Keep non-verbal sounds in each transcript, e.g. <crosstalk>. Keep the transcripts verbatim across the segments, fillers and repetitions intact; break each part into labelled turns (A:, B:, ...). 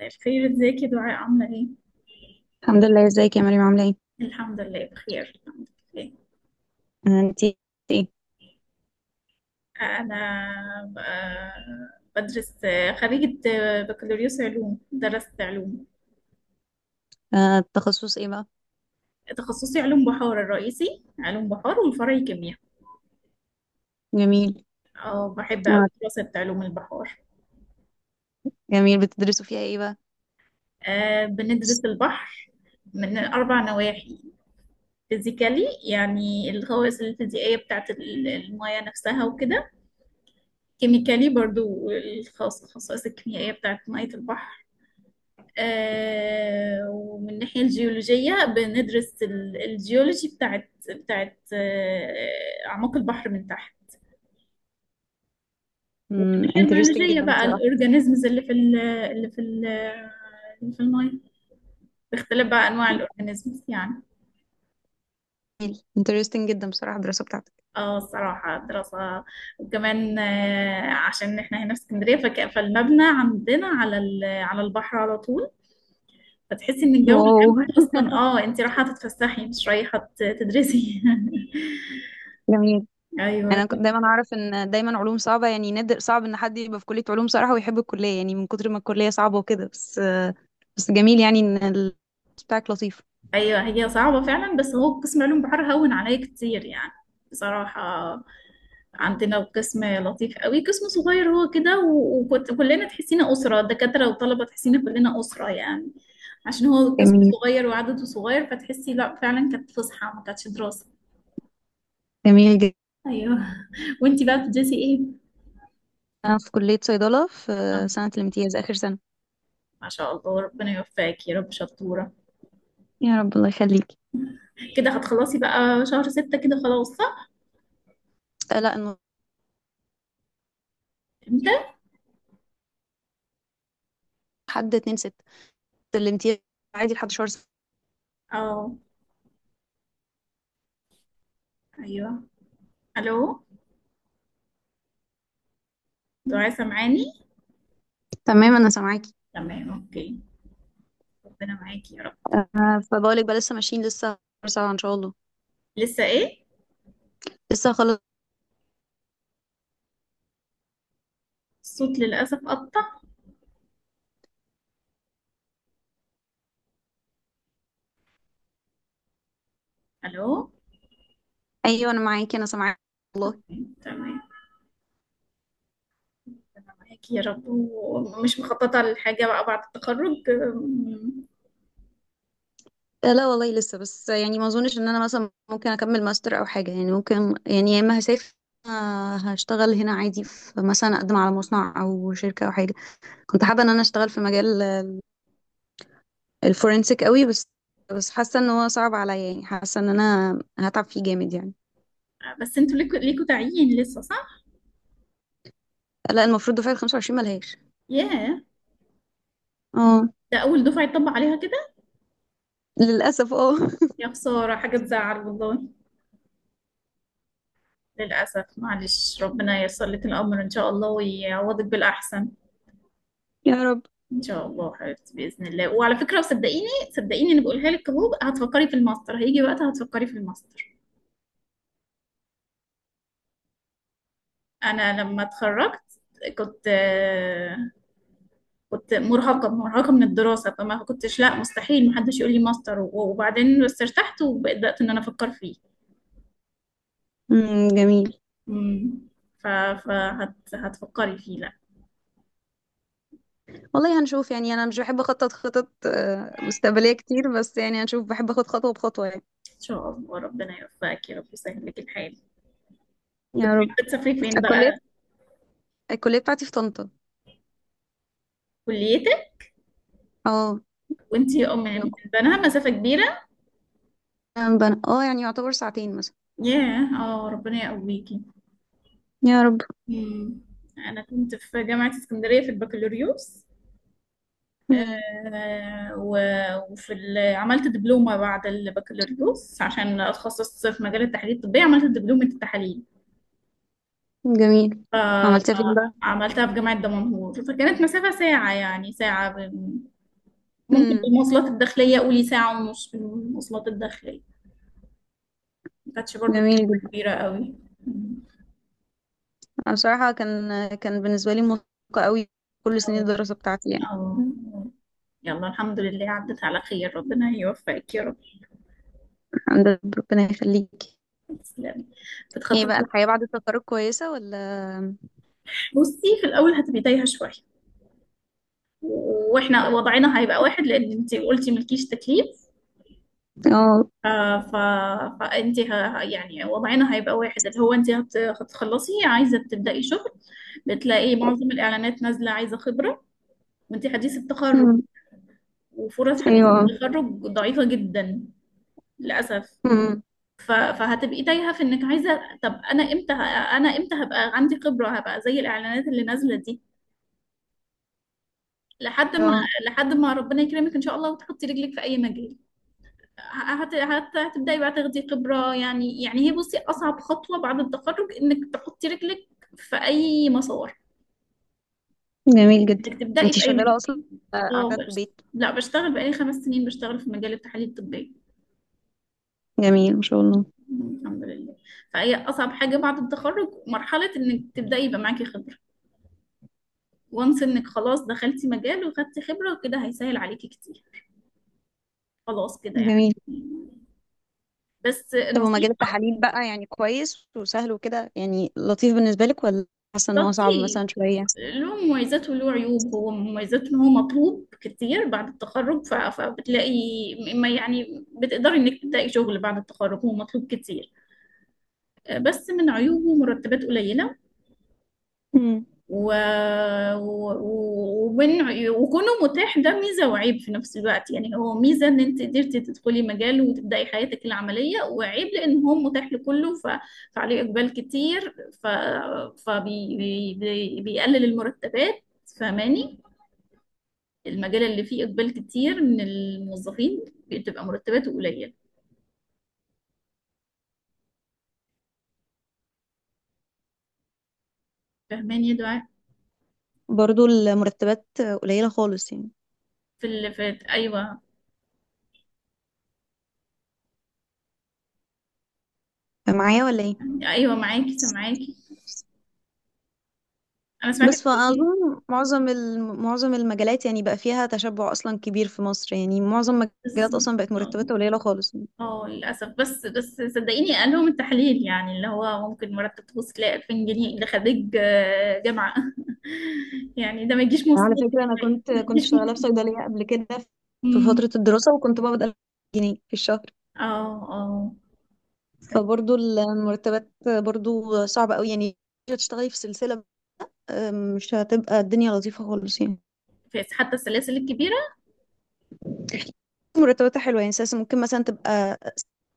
A: الخير، ازيك يا دعاء؟ عاملة ايه؟
B: الحمد لله. ازيك يا مريم عاملة ايه؟
A: الحمد لله بخير الحمد لله.
B: آه، انتي ايه؟
A: أنا ب- بدرس، خريجة بكالوريوس علوم، درست علوم.
B: آه، التخصص ايه بقى؟
A: تخصصي علوم بحار، الرئيسي علوم بحار والفرعي كيمياء.
B: جميل.
A: اه بحب أوي
B: آه،
A: دراسة علوم البحار.
B: جميل، بتدرسوا فيها ايه بقى؟
A: أه بندرس البحر من أربع نواحي: فيزيكالي، يعني الخواص الفيزيائية بتاعت ال- المياه نفسها وكده، كيميكالي برضو الخصائص الخصائص الكيميائية بتاعت مية البحر، آه، ومن الناحية الجيولوجية بندرس ال- الجيولوجي بتاعت بتاعت آه، أعماق البحر من تحت، ومن
B: امم
A: الناحية
B: interesting
A: البيولوجية
B: جدا
A: بقى
B: بصراحة.
A: الأورجانيزمز اللي في ال اللي في ال اللي في المية، باختلاف بقى أنواع الأورجانيزمز يعني.
B: interesting جدا بصراحة الدراسة بتاعتك.
A: اه الصراحة دراسة. وكمان آه، عشان احنا هنا في اسكندرية، فك- فالمبنى عندنا على ال- على البحر على طول، فتحسي ان الجو
B: واو،
A: العام اصلا اه انت رايحة تتفسحي مش رايحة ت- تدرسي. <laughs>
B: جميل. انا كنت
A: ايوه،
B: دايما اعرف ان دايما علوم صعبة، يعني نادر صعب ان حد يبقى في كلية علوم صراحة ويحب الكلية، يعني من كتر ما الكلية صعبة وكده، بس آه، بس جميل يعني ان ال- بتاعك لطيف.
A: ايوه هي صعبة فعلا، بس هو قسم علوم بحر هون عليا كتير يعني، بصراحة. عندنا قسم لطيف قوي، قسم صغير هو كده، و- وكنت كلنا تحسينا أسرة، دكاترة وطلبة تحسينا كلنا أسرة يعني. عشان هو قسم
B: جميل
A: صغير وعدده صغير، فتحسي لا فعلا كانت فسحة ما كانتش دراسة.
B: جميل جدا.
A: ايوه. <laughs> وانتي بقى بتدرسي ايه؟
B: انا في كلية صيدلة في
A: آه،
B: آه، سنة الامتياز، اخر سنة.
A: ما شاء الله، ربنا يوفقك يا رب، شطورة.
B: يا رب، الله يخليك.
A: كده هتخلصي بقى شهر ستة كده خلاص، صح؟
B: آه، لا انه.
A: امتى؟
B: حد اتنين ستة، سلمتيها. عادي لحد شهر سبعة.
A: اه، ايوه. الو، دعاء سامعاني؟
B: تمام انا سامعاكي.
A: تمام اوكي. ربنا معاكي يا رب.
B: آه فبقولك بقى، لسه ماشيين، لسه شهر سبعة ان شاء الله.
A: لسه ايه؟
B: لسه خلاص.
A: الصوت للاسف قطع. الو.
B: ايوه انا معاكي، انا سامعاكي، والله.
A: تمام. معاكي يا رب. ومش مخططه لحاجه بقى بعد التخرج؟ أم،
B: آه، لا والله، لسه. بس يعني ما اظنش ان انا مثلا ممكن اكمل ماستر او حاجه. يعني ممكن، يعني يا اما هسافر، آه، هشتغل هنا عادي، في مثلا اقدم على مصنع او شركه او حاجه. كنت حابه ان انا اشتغل في مجال الفورنسيك قوي، بس بس حاسه ان هو صعب عليا، يعني حاسه ان انا هتعب فيه جامد يعني.
A: بس انتوا ليكوا ليكوا تعيين لسه، صح؟
B: لا، المفروض دفعه ال خمسة وعشرين ملهاش.
A: ياه،
B: اه
A: ده اول دفعه يطبق عليها كده.
B: للاسف، اه.
A: يا خساره، حاجه تزعل والله. للاسف معلش، ربنا ييسر لك الامر ان شاء الله ويعوضك بالاحسن.
B: <laughs> يا رب.
A: ان شاء الله حبيبتي، باذن الله. وعلى فكره صدقيني، صدقيني انا بقولها لك اهو، هتفكري في الماستر، هيجي وقتها هتفكري في الماستر. انا لما اتخرجت كنت كنت مرهقه مرهقه من الدراسه، فما كنتش، لا مستحيل، محدش يقول لي ماستر وبعدين. بس ارتحت وبدات ان انا افكر فيه.
B: امم، جميل.
A: امم ف فهت... هتفكري فيه لا.
B: والله هنشوف، يعني انا مش بحب اخطط خطط آه، مستقبلية كتير، بس يعني هنشوف، بحب اخد خطوة بخطوة يعني.
A: ان شاء الله ربنا يوفقك يا رب، يسهل لك الحال. كنت
B: يا رب.
A: حابه تسافري فين
B: الكلية
A: بقى؟
B: الكلية بتاعتي في طنطا.
A: كليتك؟
B: اه،
A: وانتي ام من بنها، مسافه كبيره.
B: أنا بنا- اه يعني يعتبر ساعتين مثلا.
A: ياه، اه ربنا يقويكي.
B: يا رب.
A: امم. انا كنت في جامعه اسكندريه في البكالوريوس.
B: امم،
A: آه، و- وفي ال- عملت دبلومة بعد البكالوريوس عشان أتخصص في مجال التحاليل الطبية، عملت دبلومة التحاليل.
B: جميل. عملتها فين بقى؟
A: فعملتها في جامعة دمنهور، فكانت مسافة ساعة، يعني ساعة ب- ممكن
B: امم،
A: بالمواصلات الداخلية، قولي ساعة ونص بالمواصلات الداخلية. ما كانتش برضو
B: جميل
A: مسافة
B: جدا.
A: كبيرة قوي.
B: أنا بصراحة كان كان بالنسبة لي مرهقة قوي، كل سنين
A: أو
B: الدراسة بتاعتي يعني
A: أو
B: مم.
A: يلا الحمد لله عدت على خير، ربنا يوفقك يا رب.
B: الحمد لله، ربنا يخليك.
A: تسلمي.
B: ايه بقى،
A: بتخططي؟
B: الحياة بعد التخرج كويسة ولا؟
A: بصي، في الأول هتبقي تايهة شوية. واحنا وضعنا هيبقى واحد لان انت قلتي ملكيش تكليف.
B: اه،
A: آه، ف... فانت ه... يعني وضعنا هيبقى واحد، اللي هو انت هت... هتخلصي عايزه تبداي شغل. بتلاقي معظم الاعلانات نازله عايزه خبره، وانت حديث التخرج،
B: امم،
A: وفرص حديث
B: ايوه،
A: التخرج ضعيفه جدا للاسف.
B: امم،
A: ف... فهتبقي تايهه في انك عايزه، طب انا امتى ه... انا امتى هبقى عندي خبره، هبقى زي الاعلانات اللي نازله دي. لحد ما لحد ما ربنا يكرمك ان شاء الله وتحطي رجلك في اي مجال، هت... هت... هتبدأي بقى تاخدي خبرة يعني. يعني هي، بصي، أصعب خطوة بعد التخرج إنك تحطي رجلك في أي مسار،
B: جميل جدا.
A: إنك تبدأي
B: انتي
A: في أي مجال.
B: شغالة اصلا آه،
A: اه
B: قاعدة في
A: بس،
B: البيت؟
A: لا بشتغل بقالي خمس سنين، بشتغل في مجال التحاليل الطبية.
B: جميل ما شاء الله.
A: الحمد لله. فهي أصعب حاجة بعد التخرج مرحلة إنك تبدأي يبقى معاكي خبرة، وانس إنك خلاص دخلتي مجال وخدتي خبرة، كده هيسهل عليكي كتير، خلاص كده يعني.
B: جميل.
A: بس
B: طب ومجال
A: النصيحة.
B: التحاليل بقى يعني كويس وسهل وكده، يعني لطيف بالنسبة لك، ولا حاسة ان هو صعب
A: لطيف،
B: مثلا شوية؟
A: له مميزات وله عيوب. هو مميزات ان هو مطلوب كتير بعد التخرج، ف- فبتلاقي، ما يعني بتقدري انك تلاقي شغل بعد التخرج، هو مطلوب كتير. آه، بس من عيوبه مرتبات قليلة.
B: امم.
A: و... و... و- ومن، وكونه متاح ده ميزة وعيب في نفس الوقت، يعني هو ميزة ان انت قدرتي تدخلي مجال وتبدأي حياتك العملية، وعيب لان هو متاح لكله، ف... فعليه اقبال كتير. ف... فبي... بي... بي- بيقلل المرتبات. فاهماني، المجال اللي فيه اقبال كتير من الموظفين بتبقى مرتباته قليلة. فاهماني يا دعاء؟
B: برضو المرتبات قليلة خالص يعني؟
A: في ال... في ايوه
B: معايا ولا ايه؟
A: يعني ايوه، معاكي، سامعاكي. انا سمعتك
B: بس
A: بتقولي.
B: فأظن معظم الم- معظم المجالات يعني بقى فيها تشبع أصلا كبير في مصر، يعني معظم المجالات
A: بالظبط.
B: أصلا بقت مرتباتها قليلة خالص.
A: اه للأسف، بس بس صدقيني، قال لهم التحليل يعني اللي هو ممكن مرتب توصل ل ألفين جنيه، ده خريج آه، جامعة. <laughs> يعني ده ما يجيش
B: على
A: مصروف
B: فكرة أنا
A: يعني،
B: كنت
A: ما
B: كنت
A: يجيش مصروف.
B: شغالة في صيدلية قبل كده، في فترة
A: أمم.
B: الدراسة، وكنت بقبض ألف جنيه في الشهر.
A: اه، اه. أيوة.
B: فبرضو المرتبات برضو صعبة قوي، يعني تشتغلي في سلسلة. آم، مش هتبقى الدنيا لطيفة خالص يعني،
A: فس- حتى السلاسل الكبيرة
B: مرتباتها حلوة يعني. أساسا ممكن مثلا تبقى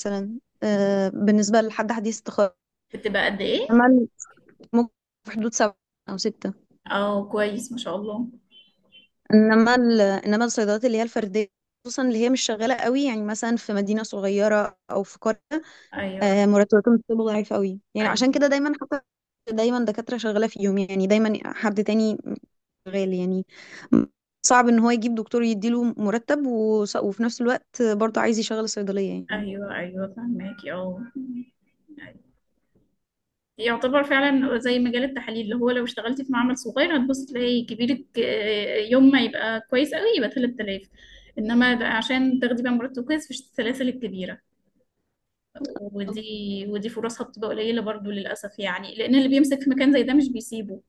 B: مثلا آه، بالنسبة لحد حديث التخرج،
A: بتبقى قد ايه؟
B: عمل ممكن في حدود سبعة أو ستة.
A: اه كويس ما شاء الله.
B: إنما ال- إنما الصيدليات اللي هي الفردية، خصوصا اللي هي مش شغالة قوي، يعني مثلا في مدينة صغيرة أو في قرية،
A: ايوه،
B: آه، مرتباتهم بتبقى ضعيفة قوي، يعني عشان كده
A: ايوه،
B: دايما حتى دايما دكاترة شغالة فيهم، يعني دايما حد تاني شغال يعني. صعب ان هو يجيب دكتور يديله مرتب وص- وفي نفس الوقت برضه عايز يشغل الصيدلية يعني.
A: ايوه. ايوه فهماكي، اه. يعتبر فعلا زي مجال التحاليل، اللي هو لو اشتغلتي في معمل صغير هتبص تلاقي كبيرك آه، يوم ما يبقى كويس قوي يبقى ثلاثة آلاف. انما ده عشان تاخدي بقى مرتب كويس في السلاسل الكبيره، ودي ودي فرصها بتبقى قليله برضو للاسف، يعني لان اللي بيمسك في مكان زي ده مش بيسيبه.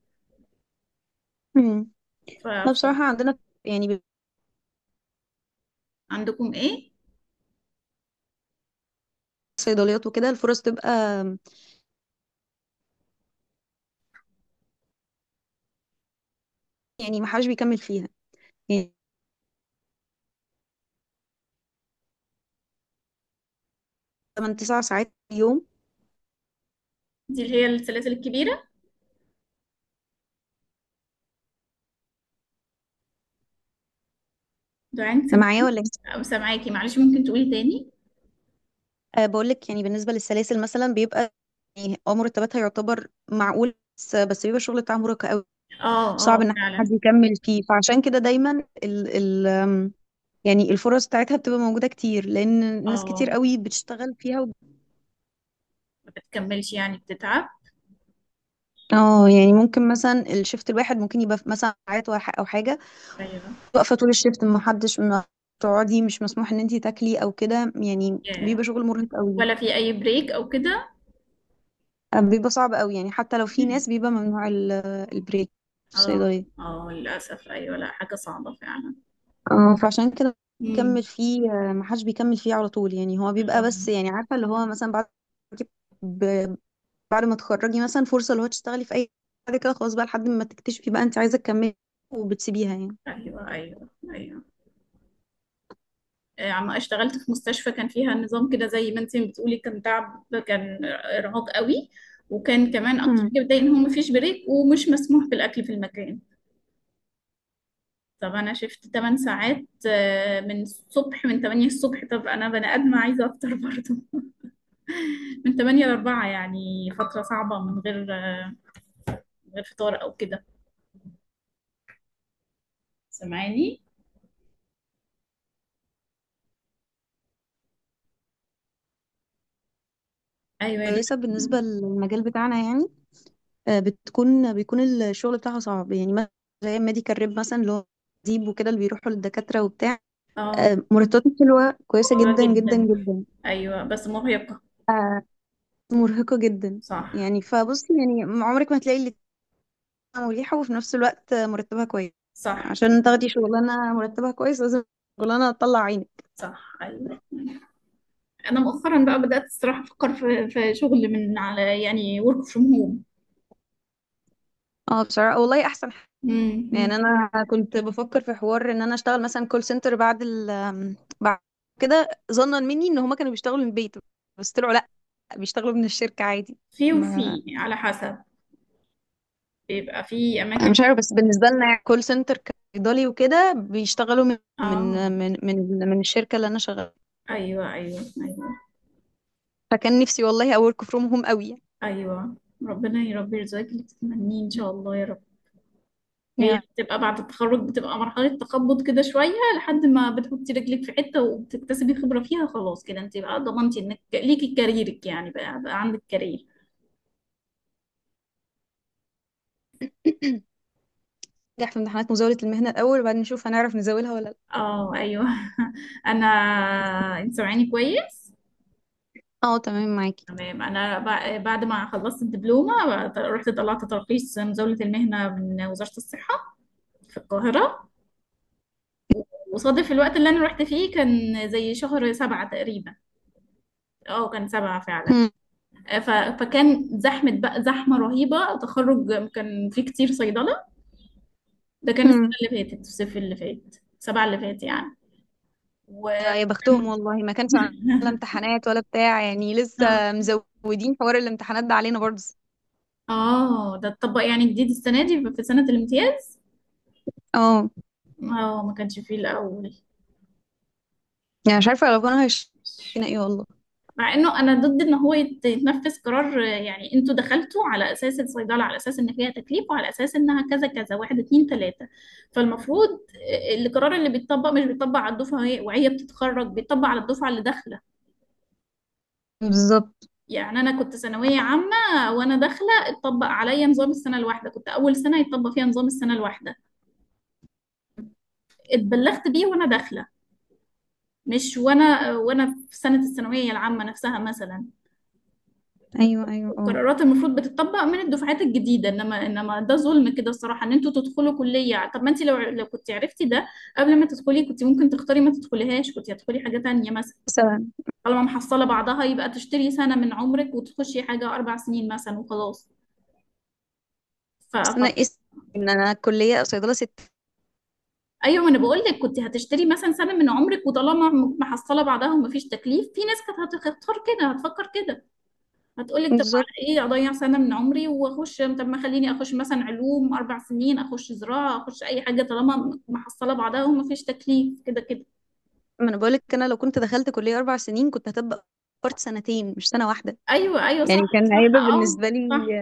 B: امم.
A: ف...
B: لا بصراحة عندنا يعني
A: فعندكم ايه؟
B: صيدليات وكده، الفرص تبقى، يعني ما حدش بيكمل فيها، يعني تمانية تسعة ساعات في اليوم.
A: دي اللي هي السلاسل الكبيره. دعاء، انت
B: أنا معايا
A: سامعاكي؟
B: ولا إيه؟
A: سامعاكي. معلش، ممكن تقولي تاني؟
B: أه، بقول لك يعني بالنسبة للسلاسل مثلا، بيبقى يعني اه مرتباتها يعتبر معقول، بس بس بيبقى الشغل بتاعها مرهق قوي،
A: اه، اه
B: صعب ان حد
A: فعلا.
B: يكمل فيه. فعشان كده دايما ال، يعني الفرص بتاعتها بتبقى موجودة كتير، لأن ناس كتير
A: اه
B: قوي بتشتغل فيها و...
A: ما بتكملش يعني، بتتعب.
B: اه يعني ممكن مثلا الشفت الواحد ممكن يبقى في مثلا ساعات وح- أو حاجة
A: ايوه.
B: واقفة طول الشفت، ما حدش ما تقعدي، مش مسموح ان انتي تاكلي او كده، يعني
A: yeah.
B: بيبقى شغل مرهق قوي.
A: ولا في اي بريك او كده؟
B: آه، بيبقى صعب قوي، يعني حتى لو في ناس بيبقى ممنوع ال- البريك في
A: اه،
B: الصيدلية.
A: اه للأسف أيوة، لا حاجة صعبة فعلا.
B: اه فعشان كده بيكمل
A: امم.
B: فيه، ما حدش بيكمل فيه على طول، يعني هو بيبقى.
A: آه،
B: بس يعني عارفة، اللي هو مثلا بعد بعد ما تخرجي مثلا، فرصة اللي هو تشتغلي في أي حاجة كده، خلاص بقى لحد ما تكتشفي بقى أنت عايزة تكملي وبتسيبيها يعني.
A: أيوة، أيوة، أيوة. آه، عم اشتغلت في مستشفى كان فيها نظام كده زي ما انت بتقولي، كان تعب، كان إرهاق قوي. وكان كمان أكتر
B: مم.
A: حاجة بتضايق إن هو مفيش بريك ومش مسموح بالأكل في المكان. طب أنا شفت تمن ساعات، آه، من الصبح، من ثمانية الصبح. طب أنا بني آدمة عايزة أفطر برضه. <laughs> من ثمانية ل أربعة يعني فترة صعبة من غير، آه، من غير فطار أو كده. سامعاني؟ أيوة يا دكتور.
B: كويسة بالنسبة للمجال بتاعنا يعني. آه، بتكون بيكون الشغل بتاعها صعب، يعني مثلا زي ميديكال ريب مثلا اللي هو ديب وكده، اللي بيروحوا للدكاترة وبتاع،
A: اه،
B: آه، مرتباتهم حلوة كويسة
A: حلوة
B: جدا جدا
A: جدا.
B: جدا.
A: ايوه بس مرهقة.
B: مرهقة جدا.
A: صح،
B: يعني فبص، يعني عمرك ما تلاقي اللي مريحة وفي نفس الوقت آه، مرتبها كويس.
A: صح،
B: عشان تاخدي شغلانة مرتبها كويس لازم شغلانة تطلع عينك.
A: صح. ايوه. انا مؤخرا بقى بدأت الصراحة افكر في في شغل من على، يعني ورك فروم هوم.
B: اه بصراحة والله أحسن، يعني انا كنت بفكر في حوار ان انا اشتغل مثلا كول سنتر، بعد ال بعد كده، ظنا مني ان هما كانوا بيشتغلوا من البيت، بس طلعوا لا، بيشتغلوا من الشركة عادي.
A: في
B: ما
A: وفي على حسب، بيبقى في اماكن
B: انا مش عارفه،
A: بت-
B: بس بالنسبه لنا كول سنتر كإيطالي وكده بيشتغلوا من
A: اه،
B: من من من, من الشركة اللي انا شغاله.
A: ايوه، ايوه، ايوه،
B: فكان نفسي والله اورك فروم هوم قوي يعني.
A: ايوه. ربنا يا رب يرزقك اللي تتمنيه ان شاء الله يا رب. هي
B: يعني.
A: بتبقى بعد التخرج، بتبقى مرحلة تخبط كده شوية لحد ما بتحطي رجلك في حتة وبتكتسبي خبرة فيها، خلاص كده انت بقى ضمنتي انك ليكي كاريرك يعني، بقى, بقى عندك كارير.
B: <clears throat> نجح في امتحانات مزاولة المهنة الأول، وبعدين نشوف هنعرف نزاولها ولا لا.
A: اه، ايوه. <laughs> انا. انت سامعاني كويس؟
B: اه تمام معاكي.
A: تمام. انا بع- بعد ما خلصت الدبلومة رحت طلعت ترخيص مزاولة المهنة من وزارة الصحة في القاهرة. وصادف الوقت اللي انا رحت فيه كان زي شهر سبعة تقريبا. اه كان سبعة فعلا. ف- فكان زحمة بقى، زحمة رهيبة. تخرج كان في كتير صيدلة. ده كان السنة اللي فاتت، الصيف اللي فات، سبعة اللي فات يعني. و
B: يا
A: <laughs>
B: بختهم
A: كان-
B: والله، ما كانش عندنا لا امتحانات ولا بتاع، يعني
A: اه.
B: لسه مزودين حوار الامتحانات ده علينا برضه.
A: آه، ده اتطبق يعني جديد السنة دي في سنة الامتياز.
B: اه،
A: اه ما كانش فيه الأول.
B: يعني مش عارفه لو كانوا هيشتنا. ايه والله.
A: مع انه انا ضد ان هو يت- يتنفذ قرار، آه، يعني انتوا دخلتوا على اساس الصيدله، على اساس ان فيها تكليف، وعلى اساس انها كذا كذا، واحد اتنين تلاته. فالمفروض، آه، القرار اللي بيتطبق مش بيتطبق على الدفعه وهي- وهي بتتخرج، بيتطبق على الدفعه اللي داخله.
B: بالظبط.
A: يعني انا كنت ثانويه عامه، وانا داخله اتطبق عليا نظام السنه الواحده، كنت اول سنه يتطبق فيها نظام السنه الواحده. اتبلغت بيه وانا داخله، مش وانا وانا في سنه الثانويه العامه نفسها مثلا.
B: ايوه ايوه، اه.
A: القرارات المفروض بتطبق من الدفعات الجديده، انما انما ده ظلم كده الصراحه، ان انتوا تدخلوا كليه. طب ما انت لو لو كنت عرفتي ده قبل ما تدخلي كنت ممكن تختاري ما تدخليهاش، كنت هتدخلي حاجه تانية مثلا.
B: بس،
A: طالما محصله بعضها، يبقى تشتري سنه من عمرك وتخشي حاجه اربع سنين مثلا وخلاص.
B: بس انا
A: ف-
B: قست ان انا كليه صيدله ست.
A: ايوه، ما انا بقول لك كنت هتشتري مثلا سنه من عمرك، وطالما م- محصله بعدها ومفيش تكليف، في ناس كانت هتختار كده، هتفكر كده. هتقول لك طب
B: بالظبط،
A: على ايه اضيع سنه من عمري واخش، طب ما خليني اخش مثلا علوم اربع سنين، اخش زراعه، اخش اي حاجه طالما م- محصله بعدها ومفيش تكليف كده كده.
B: ما انا بقولك، انا لو كنت دخلت كليه اربع سنين كنت هتبقى فرت سنتين مش سنه واحده.
A: ايوه، ايوه صح.
B: يعني كان
A: صح،
B: هيبقى
A: اه،
B: بالنسبه لي.
A: صح.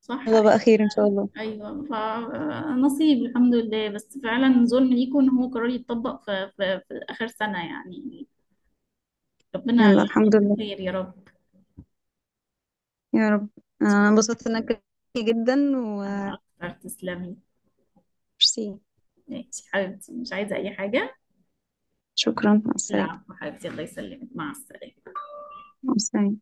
A: صح.
B: يلا بقى، خير ان شاء الله.
A: ايوه فنصيب الحمد لله، بس فعلا ظلم ليكم ان هو قرار يتطبق في، في, في اخر سنه يعني. ربنا
B: يلا الحمد لله.
A: خير يا
B: يا رب.
A: رب.
B: انا انبسطت انك جدا.
A: أنا أكثر، تسلمي.
B: وميرسي.
A: ماشي حبيبتي، مش عايزة أي حاجة.
B: شكرا، مع السلامه.
A: العفو حبيبتي، الله يسلمك، مع السلامة.
B: مع السلامه.